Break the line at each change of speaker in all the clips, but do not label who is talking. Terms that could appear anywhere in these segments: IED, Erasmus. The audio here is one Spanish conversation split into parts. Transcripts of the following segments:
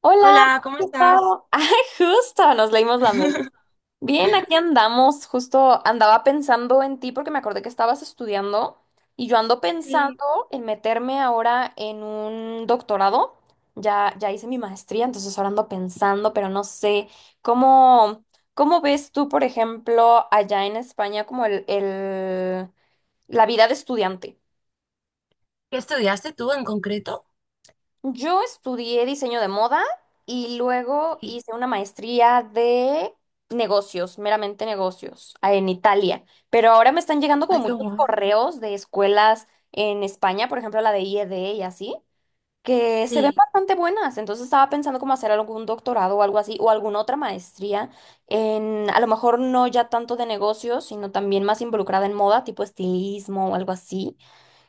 Hola,
Hola, ¿cómo
¿cómo estás?
estás?
Ay, justo, nos leímos la mente. Bien, aquí andamos. Justo andaba pensando en ti porque me acordé que estabas estudiando y yo ando pensando
Sí.
en meterme ahora en un doctorado. Ya, ya hice mi maestría, entonces ahora ando pensando, pero no sé cómo, cómo ves tú, por ejemplo, allá en España como la vida de estudiante.
¿Qué estudiaste tú en concreto?
Yo estudié diseño de moda y luego
Sí.
hice una maestría de negocios, meramente negocios, en Italia. Pero ahora me están llegando como
Ay, qué
muchos
guay.
correos de escuelas en España, por ejemplo, la de IED y así, que se ven
Sí.
bastante buenas. Entonces estaba pensando como hacer algún doctorado o algo así, o alguna otra maestría en, a lo mejor no ya tanto de negocios, sino también más involucrada en moda, tipo estilismo o algo así.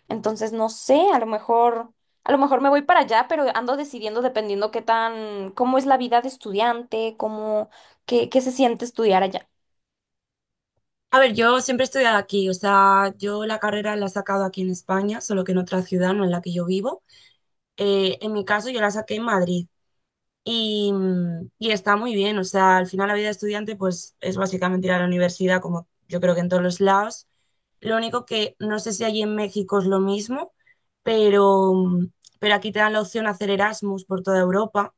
Entonces, no sé, a lo mejor me voy para allá, pero ando decidiendo dependiendo qué tan, cómo es la vida de estudiante, cómo, qué se siente estudiar allá.
A ver, yo siempre he estudiado aquí, o sea, yo la carrera la he sacado aquí en España, solo que en otra ciudad, no en la que yo vivo. En mi caso, yo la saqué en Madrid y, y está muy bien, o sea, al final la vida de estudiante pues es básicamente ir a la universidad, como yo creo que en todos los lados. Lo único que no sé si allí en México es lo mismo, pero, pero aquí te dan la opción a hacer Erasmus por toda Europa.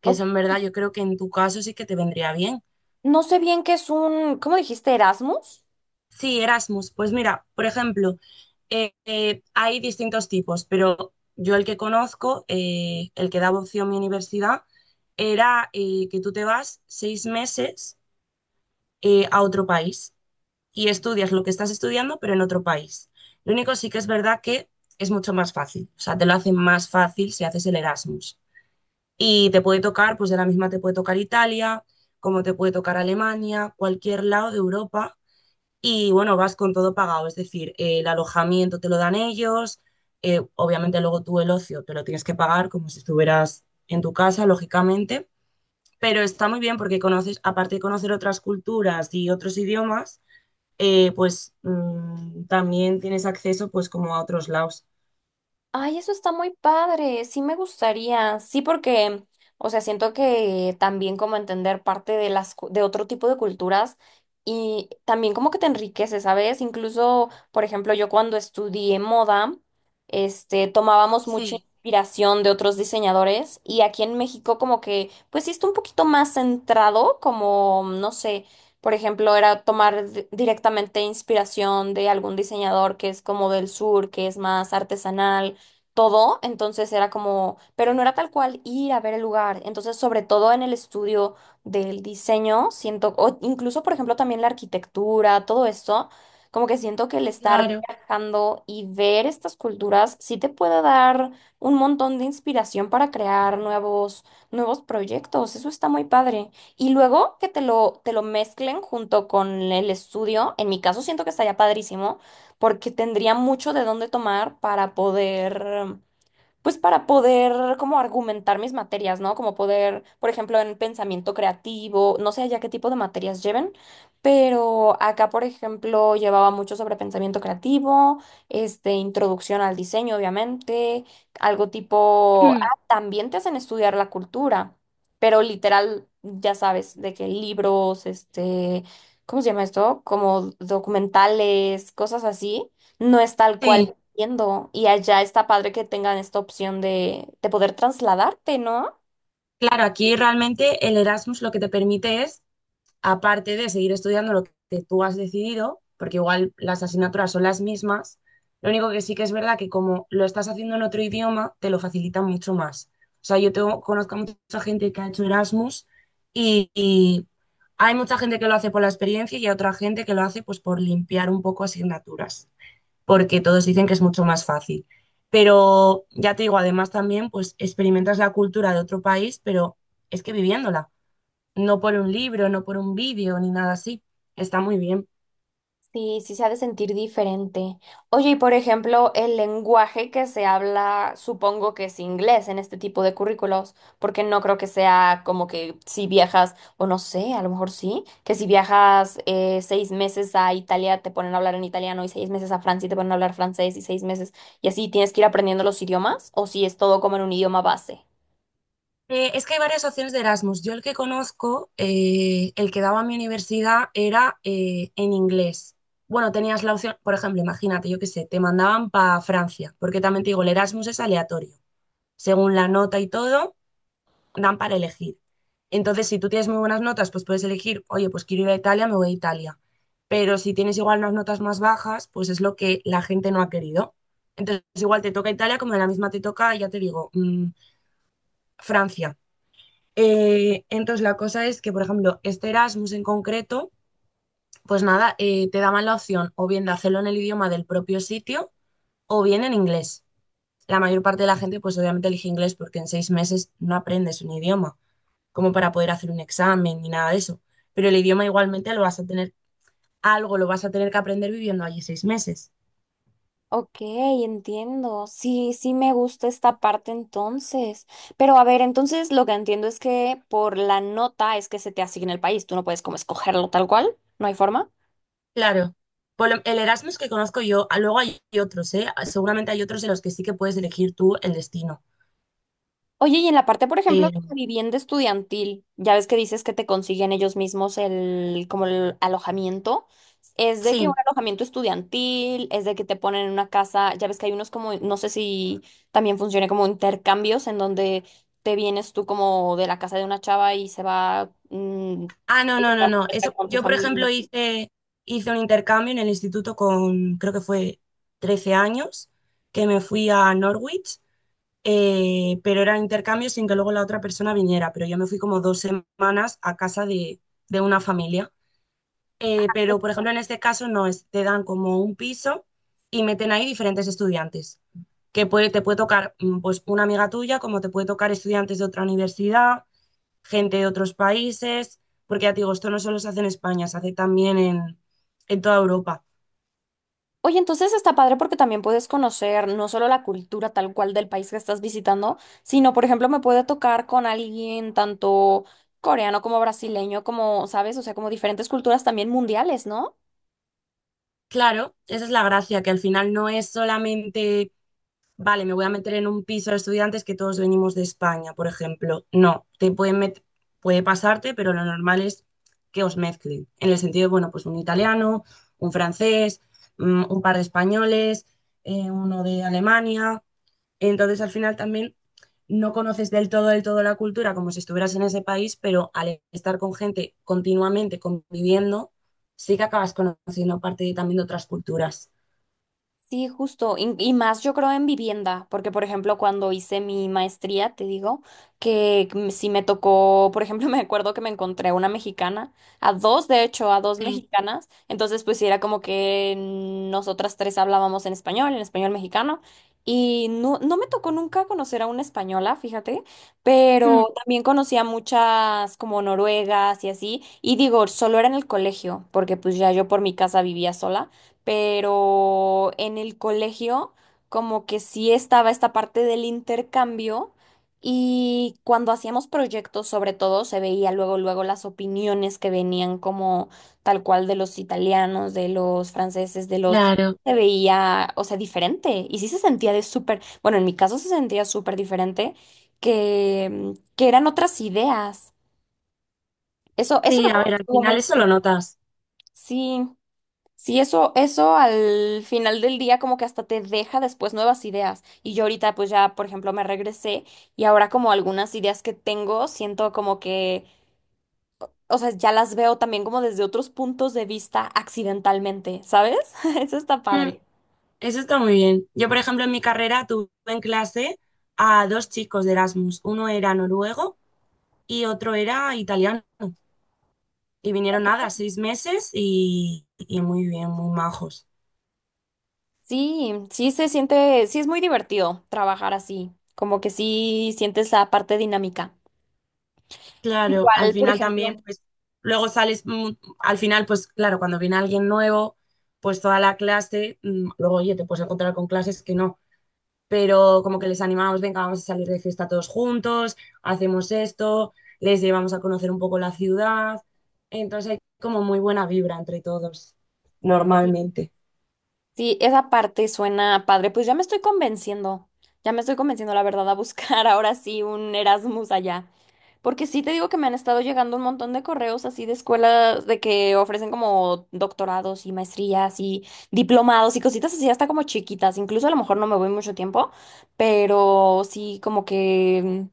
Que
O-
eso en verdad yo creo que en tu caso sí que te vendría bien.
no sé bien qué es un, ¿cómo dijiste? Erasmus.
Sí, Erasmus, pues mira, por ejemplo, hay distintos tipos, pero yo el que conozco, el que daba opción mi universidad, era que tú te vas 6 meses a otro país y estudias lo que estás estudiando, pero en otro país. Lo único sí que es verdad que es mucho más fácil, o sea, te lo hacen más fácil si haces el Erasmus. Y te puede tocar, pues de la misma te puede tocar Italia, como te puede tocar Alemania, cualquier lado de Europa. Y bueno, vas con todo pagado, es decir, el alojamiento te lo dan ellos, obviamente luego tú el ocio te lo tienes que pagar como si estuvieras en tu casa, lógicamente, pero está muy bien porque conoces, aparte de conocer otras culturas y otros idiomas, también tienes acceso pues como a otros lados.
Ay, eso está muy padre, sí me gustaría, sí porque, o sea, siento que también como entender parte de de otro tipo de culturas y también como que te enriquece, ¿sabes? Incluso, por ejemplo, yo cuando estudié moda, este, tomábamos mucha
Sí,
inspiración de otros diseñadores y aquí en México como que, pues sí está un poquito más centrado, como, no sé, por ejemplo, era tomar directamente inspiración de algún diseñador que es como del sur, que es más artesanal todo, entonces era como, pero no era tal cual ir a ver el lugar, entonces sobre todo en el estudio del diseño, siento, o incluso por ejemplo también la arquitectura, todo esto, como que siento que el estar
claro.
viajando y ver estas culturas sí te puede dar un montón de inspiración para crear nuevos, nuevos proyectos, eso está muy padre. Y luego que te lo mezclen junto con el estudio, en mi caso siento que estaría padrísimo porque tendría mucho de dónde tomar para poder pues para poder como argumentar mis materias, ¿no? Como poder, por ejemplo, en pensamiento creativo, no sé allá qué tipo de materias lleven, pero acá, por ejemplo, llevaba mucho sobre pensamiento creativo, este, introducción al diseño, obviamente, algo tipo, ah, también te hacen estudiar la cultura, pero literal, ya sabes, de que libros, este, ¿cómo se llama esto? Como documentales, cosas así. No es tal
Sí.
cual. Entiendo. Y allá está padre que tengan esta opción de poder trasladarte, ¿no?
Claro, aquí realmente el Erasmus lo que te permite es, aparte de seguir estudiando lo que tú has decidido, porque igual las asignaturas son las mismas, lo único que sí que es verdad que como lo estás haciendo en otro idioma, te lo facilita mucho más. O sea, yo tengo, conozco a mucha gente que ha hecho Erasmus y, hay mucha gente que lo hace por la experiencia y hay otra gente que lo hace pues por limpiar un poco asignaturas porque todos dicen que es mucho más fácil. Pero ya te digo, además también, pues experimentas la cultura de otro país, pero es que viviéndola, no por un libro, no por un vídeo, ni nada así. Está muy bien.
Sí, sí se ha de sentir diferente. Oye, y por ejemplo, el lenguaje que se habla, supongo que es inglés en este tipo de currículos, porque no creo que sea como que si viajas, o no sé, a lo mejor sí, que si viajas seis meses a Italia te ponen a hablar en italiano y seis meses a Francia te ponen a hablar francés y seis meses y así tienes que ir aprendiendo los idiomas, o si es todo como en un idioma base.
Es que hay varias opciones de Erasmus. Yo el que conozco, el que daba mi universidad, era en inglés. Bueno, tenías la opción, por ejemplo, imagínate, yo qué sé, te mandaban para Francia, porque también te digo, el Erasmus es aleatorio. Según la nota y todo, dan para elegir. Entonces, si tú tienes muy buenas notas, pues puedes elegir, oye, pues quiero ir a Italia, me voy a Italia. Pero si tienes igual unas notas más bajas, pues es lo que la gente no ha querido. Entonces, igual te toca Italia, como de la misma te toca, ya te digo, mm, Francia. Entonces, la cosa es que, por ejemplo, este Erasmus en concreto, pues nada, te daban la opción o bien de hacerlo en el idioma del propio sitio o bien en inglés. La mayor parte de la gente, pues obviamente elige inglés porque en 6 meses no aprendes un idioma como para poder hacer un examen ni nada de eso. Pero el idioma igualmente lo vas a tener, algo lo vas a tener que aprender viviendo allí 6 meses.
Ok, entiendo. Sí, sí me gusta esta parte entonces. Pero a ver, entonces lo que entiendo es que por la nota es que se te asigna el país. Tú no puedes como escogerlo tal cual. ¿No hay forma?
Claro, el Erasmus que conozco yo, ah, luego hay otros, ¿eh? Ah, seguramente hay otros en los que sí que puedes elegir tú el destino.
Oye, y en la parte, por ejemplo, de
Pero
la vivienda estudiantil, ya ves que dices que te consiguen ellos mismos el, como el alojamiento. Es de que un
sí.
alojamiento estudiantil, es de que te ponen en una casa, ya ves que hay unos como, no sé si también funciona como intercambios en donde te vienes tú como de la casa de una chava y se va
Ah, no, no,
esta
no, no.
muchacha
Eso,
con tu
yo, por
familia.
ejemplo, hice un intercambio en el instituto con, creo que fue 13 años, que me fui a Norwich, pero era intercambio sin que luego la otra persona viniera, pero yo me fui como 2 semanas a casa de una familia. Pero, por ejemplo, en este caso no, es, te dan como un piso y meten ahí diferentes estudiantes, que te puede tocar mm, pues una amiga tuya, como te puede tocar estudiantes de otra universidad, gente de otros países, porque ya te digo, esto no solo se hace en España, se hace también en toda Europa.
Oye, entonces está padre porque también puedes conocer no solo la cultura tal cual del país que estás visitando, sino, por ejemplo, me puede tocar con alguien tanto coreano como brasileño, como, ¿sabes? O sea, como diferentes culturas también mundiales, ¿no?
Claro, esa es la gracia, que al final no es solamente vale, me voy a meter en un piso de estudiantes que todos venimos de España, por ejemplo. No, puede pasarte, pero lo normal es que os mezclen. En el sentido de, bueno, pues un italiano, un francés, mm, un par de españoles, uno de Alemania. Entonces, al final también no conoces del todo la cultura como si estuvieras en ese país, pero al estar con gente continuamente conviviendo, sí que acabas conociendo también de otras culturas.
Sí, justo, y más yo creo en vivienda, porque por ejemplo cuando hice mi maestría, te digo, que si me tocó, por ejemplo, me acuerdo que me encontré una mexicana, a dos, de hecho, a dos
Sí.
mexicanas, entonces pues sí era como que nosotras tres hablábamos en español mexicano, y no, no me tocó nunca conocer a una española, fíjate,
Mm.
pero también conocí a muchas como noruegas y así, y digo, solo era en el colegio, porque pues ya yo por mi casa vivía sola pero en el colegio como que sí estaba esta parte del intercambio y cuando hacíamos proyectos sobre todo se veía luego luego las opiniones que venían como tal cual de los italianos, de los franceses, de los
Claro.
se veía, o sea, diferente y sí se sentía de súper, bueno, en mi caso se sentía súper diferente que eran otras ideas. Eso me
Sí, a
acuerdo
ver,
que
al
estuvo
final
muy
eso lo notas.
sí. Sí, eso al final del día como que hasta te deja después nuevas ideas. Y yo ahorita pues ya, por ejemplo, me regresé y ahora como algunas ideas que tengo, siento como que, o sea, ya las veo también como desde otros puntos de vista accidentalmente, ¿sabes? Eso está
Mm,
padre.
eso está muy bien. Yo, por ejemplo, en mi carrera tuve en clase a dos chicos de Erasmus. Uno era noruego y otro era italiano. Y
Ok.
vinieron nada, 6 meses y muy bien, muy majos.
Sí, sí se siente, sí es muy divertido trabajar así, como que sí sientes la parte dinámica.
Claro, al
Igual, por
final también,
ejemplo.
pues, luego sales, mm, al final, pues, claro, cuando viene alguien nuevo, pues toda la clase, mm, luego, oye, te puedes encontrar con clases que no. Pero como que les animamos, venga, vamos a salir de fiesta todos juntos, hacemos esto, les llevamos a conocer un poco la ciudad, entonces hay como muy buena vibra entre todos, normalmente.
Sí, esa parte suena padre. Pues ya me estoy convenciendo, ya me estoy convenciendo, la verdad, a buscar ahora sí un Erasmus allá. Porque sí te digo que me han estado llegando un montón de correos así de escuelas de que ofrecen como doctorados y maestrías y diplomados y cositas así, hasta como chiquitas. Incluso a lo mejor no me voy mucho tiempo, pero sí como que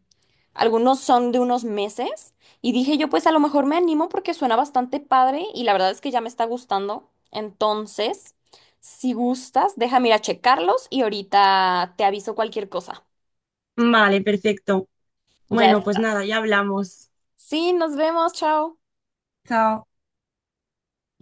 algunos son de unos meses y dije yo, pues a lo mejor me animo porque suena bastante padre y la verdad es que ya me está gustando. Entonces, si gustas, déjame ir a checarlos y ahorita te aviso cualquier cosa.
Vale, perfecto.
Ya es.
Bueno, pues nada, ya hablamos.
Sí, nos vemos, chao.
Chao.